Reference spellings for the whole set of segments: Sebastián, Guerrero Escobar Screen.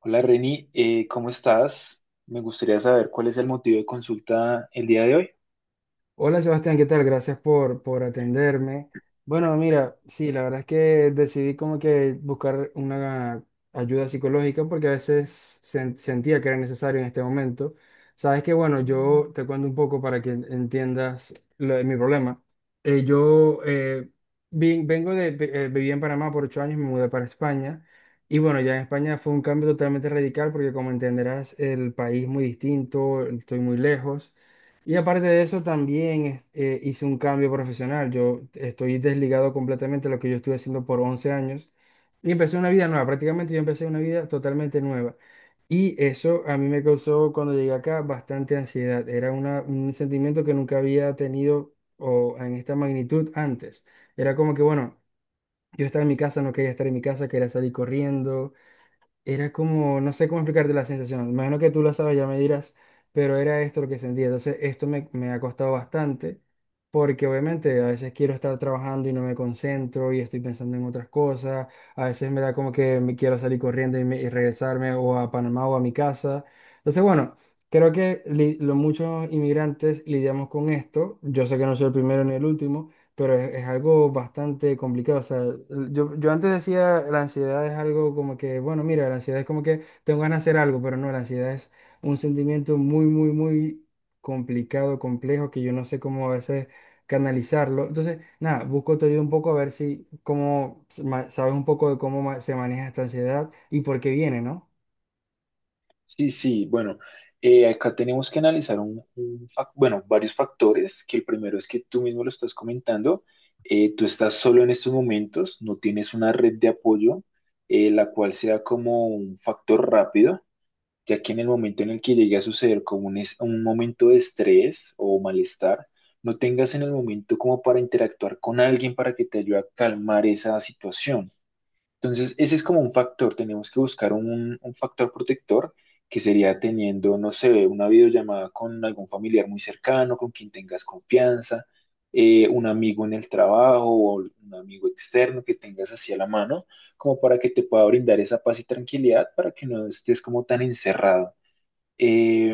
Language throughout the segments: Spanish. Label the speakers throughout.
Speaker 1: Hola Reni, ¿cómo estás? Me gustaría saber cuál es el motivo de consulta el día de hoy.
Speaker 2: Hola Sebastián, ¿qué tal? Gracias por atenderme. Bueno, mira, sí, la verdad es que decidí como que buscar una ayuda psicológica porque a veces sentía que era necesario en este momento. Sabes que, bueno, yo te cuento un poco para que entiendas lo de mi problema. Yo vengo de, viví en Panamá por 8 años, me mudé para España. Y bueno, ya en España fue un cambio totalmente radical porque como entenderás, el país muy distinto, estoy muy lejos. Y aparte de eso, también hice un cambio profesional. Yo estoy desligado completamente de lo que yo estuve haciendo por 11 años y empecé una vida nueva. Prácticamente yo empecé una vida totalmente nueva. Y eso a mí me causó cuando llegué acá bastante ansiedad. Era un sentimiento que nunca había tenido o en esta magnitud antes. Era como que, bueno, yo estaba en mi casa, no quería estar en mi casa, quería salir corriendo. Era como, no sé cómo explicarte la sensación, imagino que tú la sabes, ya me dirás, pero era esto lo que sentía. Entonces, esto me ha costado bastante, porque obviamente a veces quiero estar trabajando y no me concentro y estoy pensando en otras cosas, a veces me da como que me quiero salir corriendo y regresarme o a Panamá o a mi casa. Entonces, bueno, creo que muchos inmigrantes lidiamos con esto, yo sé que no soy el primero ni el último pero es algo bastante complicado. O sea, yo antes decía la ansiedad es algo como que, bueno, mira, la ansiedad es como que tengo ganas de hacer algo, pero no, la ansiedad es un sentimiento muy, muy, muy complicado, complejo, que yo no sé cómo a veces canalizarlo. Entonces, nada, busco tu ayuda un poco a ver si, cómo, sabes un poco de cómo se maneja esta ansiedad y por qué viene, ¿no?
Speaker 1: Sí, sí, bueno, acá tenemos que analizar varios factores, que el primero es que tú mismo lo estás comentando, tú estás solo en estos momentos, no tienes una red de apoyo, la cual sea como un factor rápido, ya que en el momento en el que llegue a suceder como un momento de estrés o malestar, no tengas en el momento como para interactuar con alguien para que te ayude a calmar esa situación. Entonces, ese es como un factor, tenemos que buscar un factor protector que sería teniendo, no sé, una videollamada con algún familiar muy cercano, con quien tengas confianza, un amigo en el trabajo o un amigo externo que tengas así a la mano, como para que te pueda brindar esa paz y tranquilidad para que no estés como tan encerrado. Eh,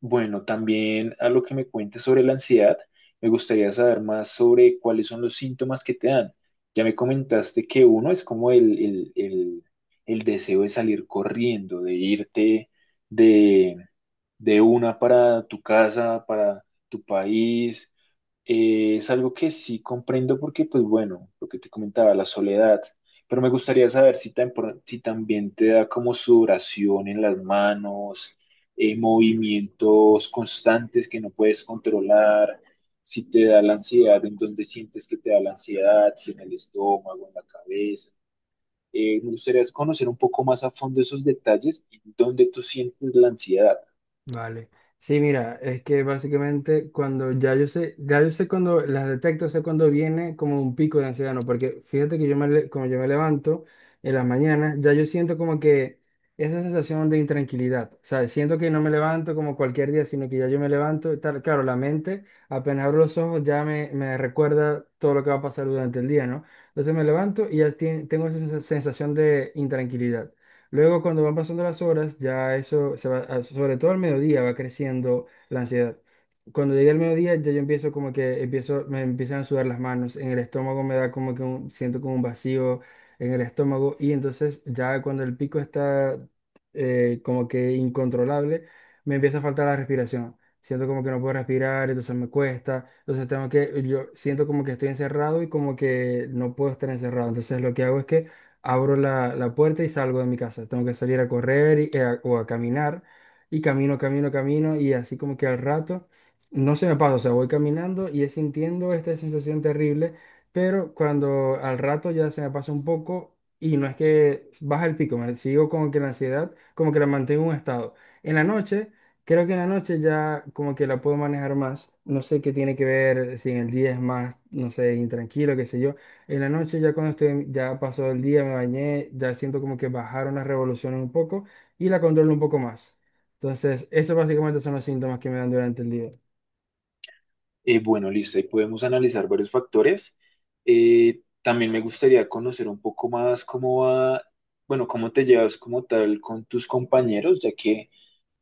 Speaker 1: bueno, también a lo que me cuentes sobre la ansiedad, me gustaría saber más sobre cuáles son los síntomas que te dan. Ya me comentaste que uno es como el deseo de salir corriendo, de irte de, de una para tu casa, para tu país. Es algo que sí comprendo porque, pues bueno, lo que te comentaba, la soledad, pero me gustaría saber si, si también te da como sudoración en las manos, movimientos constantes que no puedes controlar, si te da la ansiedad, en dónde sientes que te da la ansiedad, si en el estómago, en la cabeza. Me gustaría conocer un poco más a fondo esos detalles y dónde tú sientes la ansiedad.
Speaker 2: Vale. Sí, mira, es que básicamente cuando ya yo sé cuando las detecto, sé cuando viene como un pico de ansiedad, ¿no? Porque fíjate que yo como yo me levanto en las mañanas, ya yo siento como que esa sensación de intranquilidad, o sea, siento que no me levanto como cualquier día, sino que ya yo me levanto, y tal, claro, la mente, apenas abro los ojos, ya me recuerda todo lo que va a pasar durante el día, ¿no? Entonces me levanto y ya tengo esa sensación de intranquilidad. Luego, cuando van pasando las horas, ya eso se va, sobre todo al mediodía, va creciendo la ansiedad. Cuando llega el mediodía, ya yo empiezo como que empiezo, me empiezan a sudar las manos, en el estómago me da como que siento como un vacío en el estómago y entonces ya cuando el pico está como que incontrolable, me empieza a faltar la respiración. Siento como que no puedo respirar, entonces me cuesta, entonces tengo que, yo siento como que estoy encerrado y como que no puedo estar encerrado. Entonces lo que hago es que abro la puerta y salgo de mi casa. Tengo que salir a correr o a caminar y camino, camino, camino y así como que al rato no se me pasa, o sea, voy caminando y es sintiendo esta sensación terrible, pero cuando al rato ya se me pasa un poco y no es que baja el pico, me sigo como que la ansiedad, como que la mantengo en un estado. En la noche, creo que en la noche ya como que la puedo manejar más, no sé qué tiene que ver, si en el día es más, no sé, intranquilo, qué sé yo en la noche, ya cuando estoy, ya pasó el día, me bañé, ya siento como que bajaron las revoluciones un poco y la controlo un poco más. Entonces, esos básicamente son los síntomas que me dan durante el día.
Speaker 1: Bueno, listo, ahí podemos analizar varios factores. También me gustaría conocer un poco más cómo va, bueno, cómo te llevas como tal con tus compañeros, ya que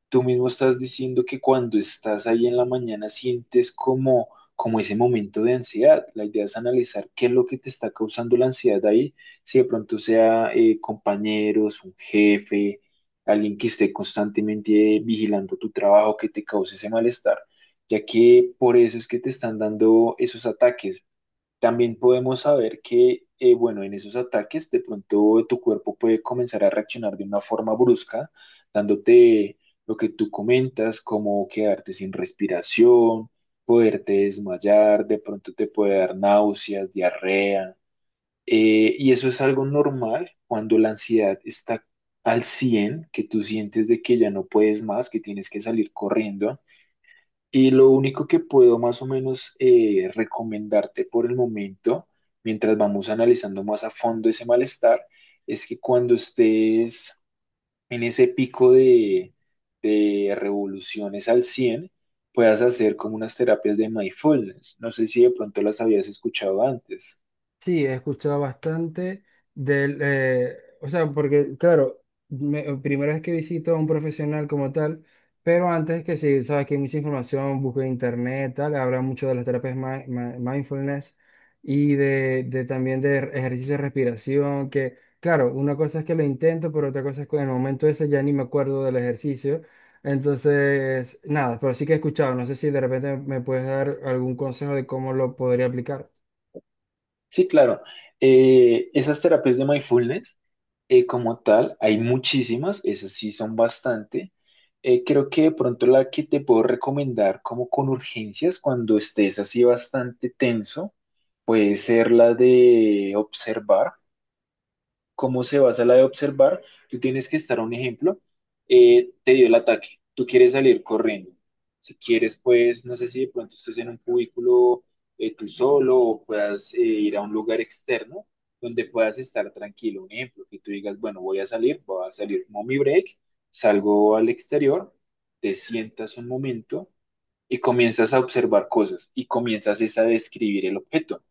Speaker 1: tú mismo estás diciendo que cuando estás ahí en la mañana sientes como, como ese momento de ansiedad. La idea es analizar qué es lo que te está causando la ansiedad ahí, si de pronto sea compañeros, un jefe, alguien que esté constantemente vigilando tu trabajo, que te cause ese malestar, ya que por eso es que te están dando esos ataques. También podemos saber que, bueno, en esos ataques de pronto tu cuerpo puede comenzar a reaccionar de una forma brusca, dándote lo que tú comentas, como quedarte sin respiración, poderte desmayar, de pronto te puede dar náuseas, diarrea. Y eso es algo normal cuando la ansiedad está al 100%, que tú sientes de que ya no puedes más, que tienes que salir corriendo. Y lo único que puedo más o menos recomendarte por el momento, mientras vamos analizando más a fondo ese malestar, es que cuando estés en ese pico de revoluciones al 100%, puedas hacer como unas terapias de mindfulness. No sé si de pronto las habías escuchado antes.
Speaker 2: Sí, he escuchado bastante del, eh, o sea, porque claro, primera vez que visito a un profesional como tal, pero antes que sí, sabes que hay mucha información, busco en internet, tal, habla mucho de las terapias mindfulness y de también de ejercicio de respiración, que claro, una cosa es que lo intento, pero otra cosa es que en el momento ese ya ni me acuerdo del ejercicio. Entonces, nada, pero sí que he escuchado, no sé si de repente me puedes dar algún consejo de cómo lo podría aplicar.
Speaker 1: Sí, claro. Esas terapias de mindfulness, como tal, hay muchísimas, esas sí son bastante. Creo que de pronto la que te puedo recomendar como con urgencias cuando estés así bastante tenso, puede ser la de observar, cómo se basa la de observar, tú tienes que estar, un ejemplo, te dio el ataque, tú quieres salir corriendo. Si quieres, pues, no sé si de pronto estés en un cubículo, tú solo, o puedas ir a un lugar externo donde puedas estar tranquilo. Un ejemplo, que tú digas, bueno, voy a salir mommy break, salgo al exterior, te sientas un momento y comienzas a observar cosas y comienzas es a describir el objeto.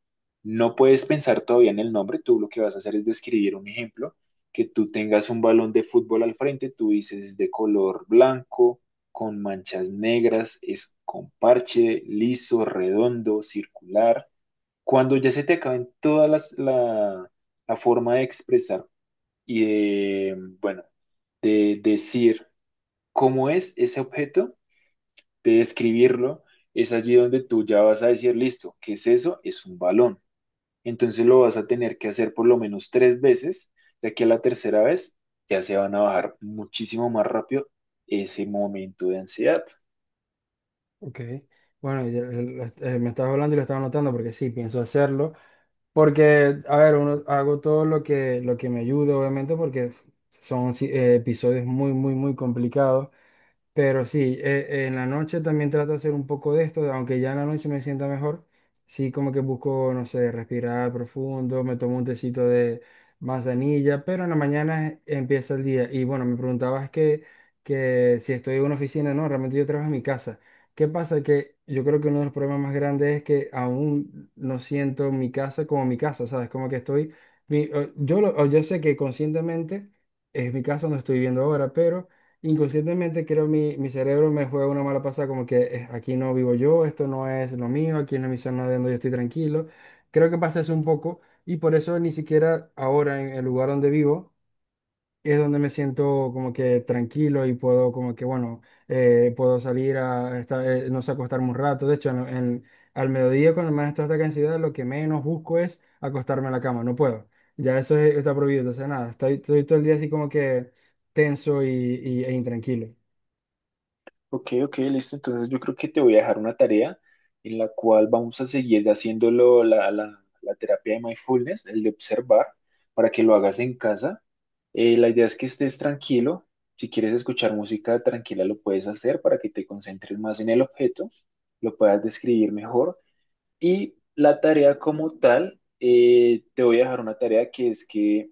Speaker 1: No puedes pensar todavía en el nombre, tú lo que vas a hacer es describir, un ejemplo, que tú tengas un balón de fútbol al frente, tú dices es de color blanco, con manchas negras, es con parche, liso, redondo, circular. Cuando ya se te acaben todas la forma de expresar y de, bueno, de decir cómo es ese objeto, de describirlo, es allí donde tú ya vas a decir, listo, ¿qué es eso? Es un balón. Entonces lo vas a tener que hacer por lo menos 3 veces, ya que a la tercera vez ya se van a bajar muchísimo más rápido ese momento de ansiedad.
Speaker 2: Ok, bueno, y me estabas hablando y lo estaba anotando porque sí, pienso hacerlo. Porque, a ver, uno, hago todo lo que me ayuda, obviamente, porque son sí, episodios muy, muy, muy complicados. Pero sí, en la noche también trato de hacer un poco de esto, aunque ya en la noche me sienta mejor. Sí, como que busco, no sé, respirar profundo, me tomo un tecito de manzanilla, pero en la mañana empieza el día. Y bueno, me preguntabas que si estoy en una oficina, no, realmente yo trabajo en mi casa. ¿Qué pasa? Que yo creo que uno de los problemas más grandes es que aún no siento mi casa como mi casa, ¿sabes? Como que estoy, mi- o- yo, lo- o yo sé que conscientemente es mi casa donde estoy viviendo ahora, pero inconscientemente creo mi cerebro me juega una mala pasada como que aquí no vivo yo, esto no es lo mío, aquí no es mi zona de donde yo estoy tranquilo. Creo que pasa eso un poco y por eso ni siquiera ahora en el lugar donde vivo es donde me siento como que tranquilo y puedo como que bueno, puedo salir a estar, no sé, acostarme un rato. De hecho, al mediodía cuando más estoy hasta acá en ciudad, lo que menos busco es acostarme en la cama, no puedo. Ya eso está prohibido, entonces nada, estoy todo el día así como que tenso e intranquilo.
Speaker 1: Ok, ok, listo. Entonces yo creo que te voy a dejar una tarea en la cual vamos a seguir haciéndolo, la terapia de mindfulness, el de observar, para que lo hagas en casa. La idea es que estés tranquilo. Si quieres escuchar música tranquila, lo puedes hacer para que te concentres más en el objeto, lo puedas describir mejor. Y la tarea como tal, te voy a dejar una tarea que es que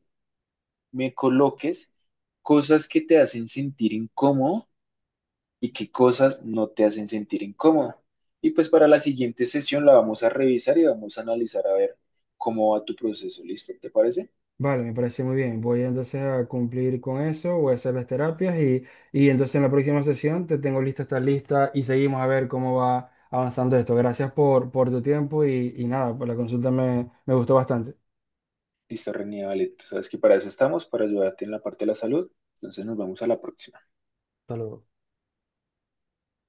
Speaker 1: me coloques cosas que te hacen sentir incómodo y qué cosas no te hacen sentir incómoda. Y pues para la siguiente sesión la vamos a revisar y vamos a analizar a ver cómo va tu proceso. ¿Listo? ¿Te parece?
Speaker 2: Vale, me parece muy bien. Voy entonces a cumplir con eso, voy a hacer las terapias y entonces en la próxima sesión te tengo lista esta lista y seguimos a ver cómo va avanzando esto. Gracias por tu tiempo y nada, por la consulta me gustó bastante.
Speaker 1: Listo, René, vale. Tú sabes que para eso estamos, para ayudarte en la parte de la salud. Entonces nos vemos a la próxima.
Speaker 2: Hasta luego.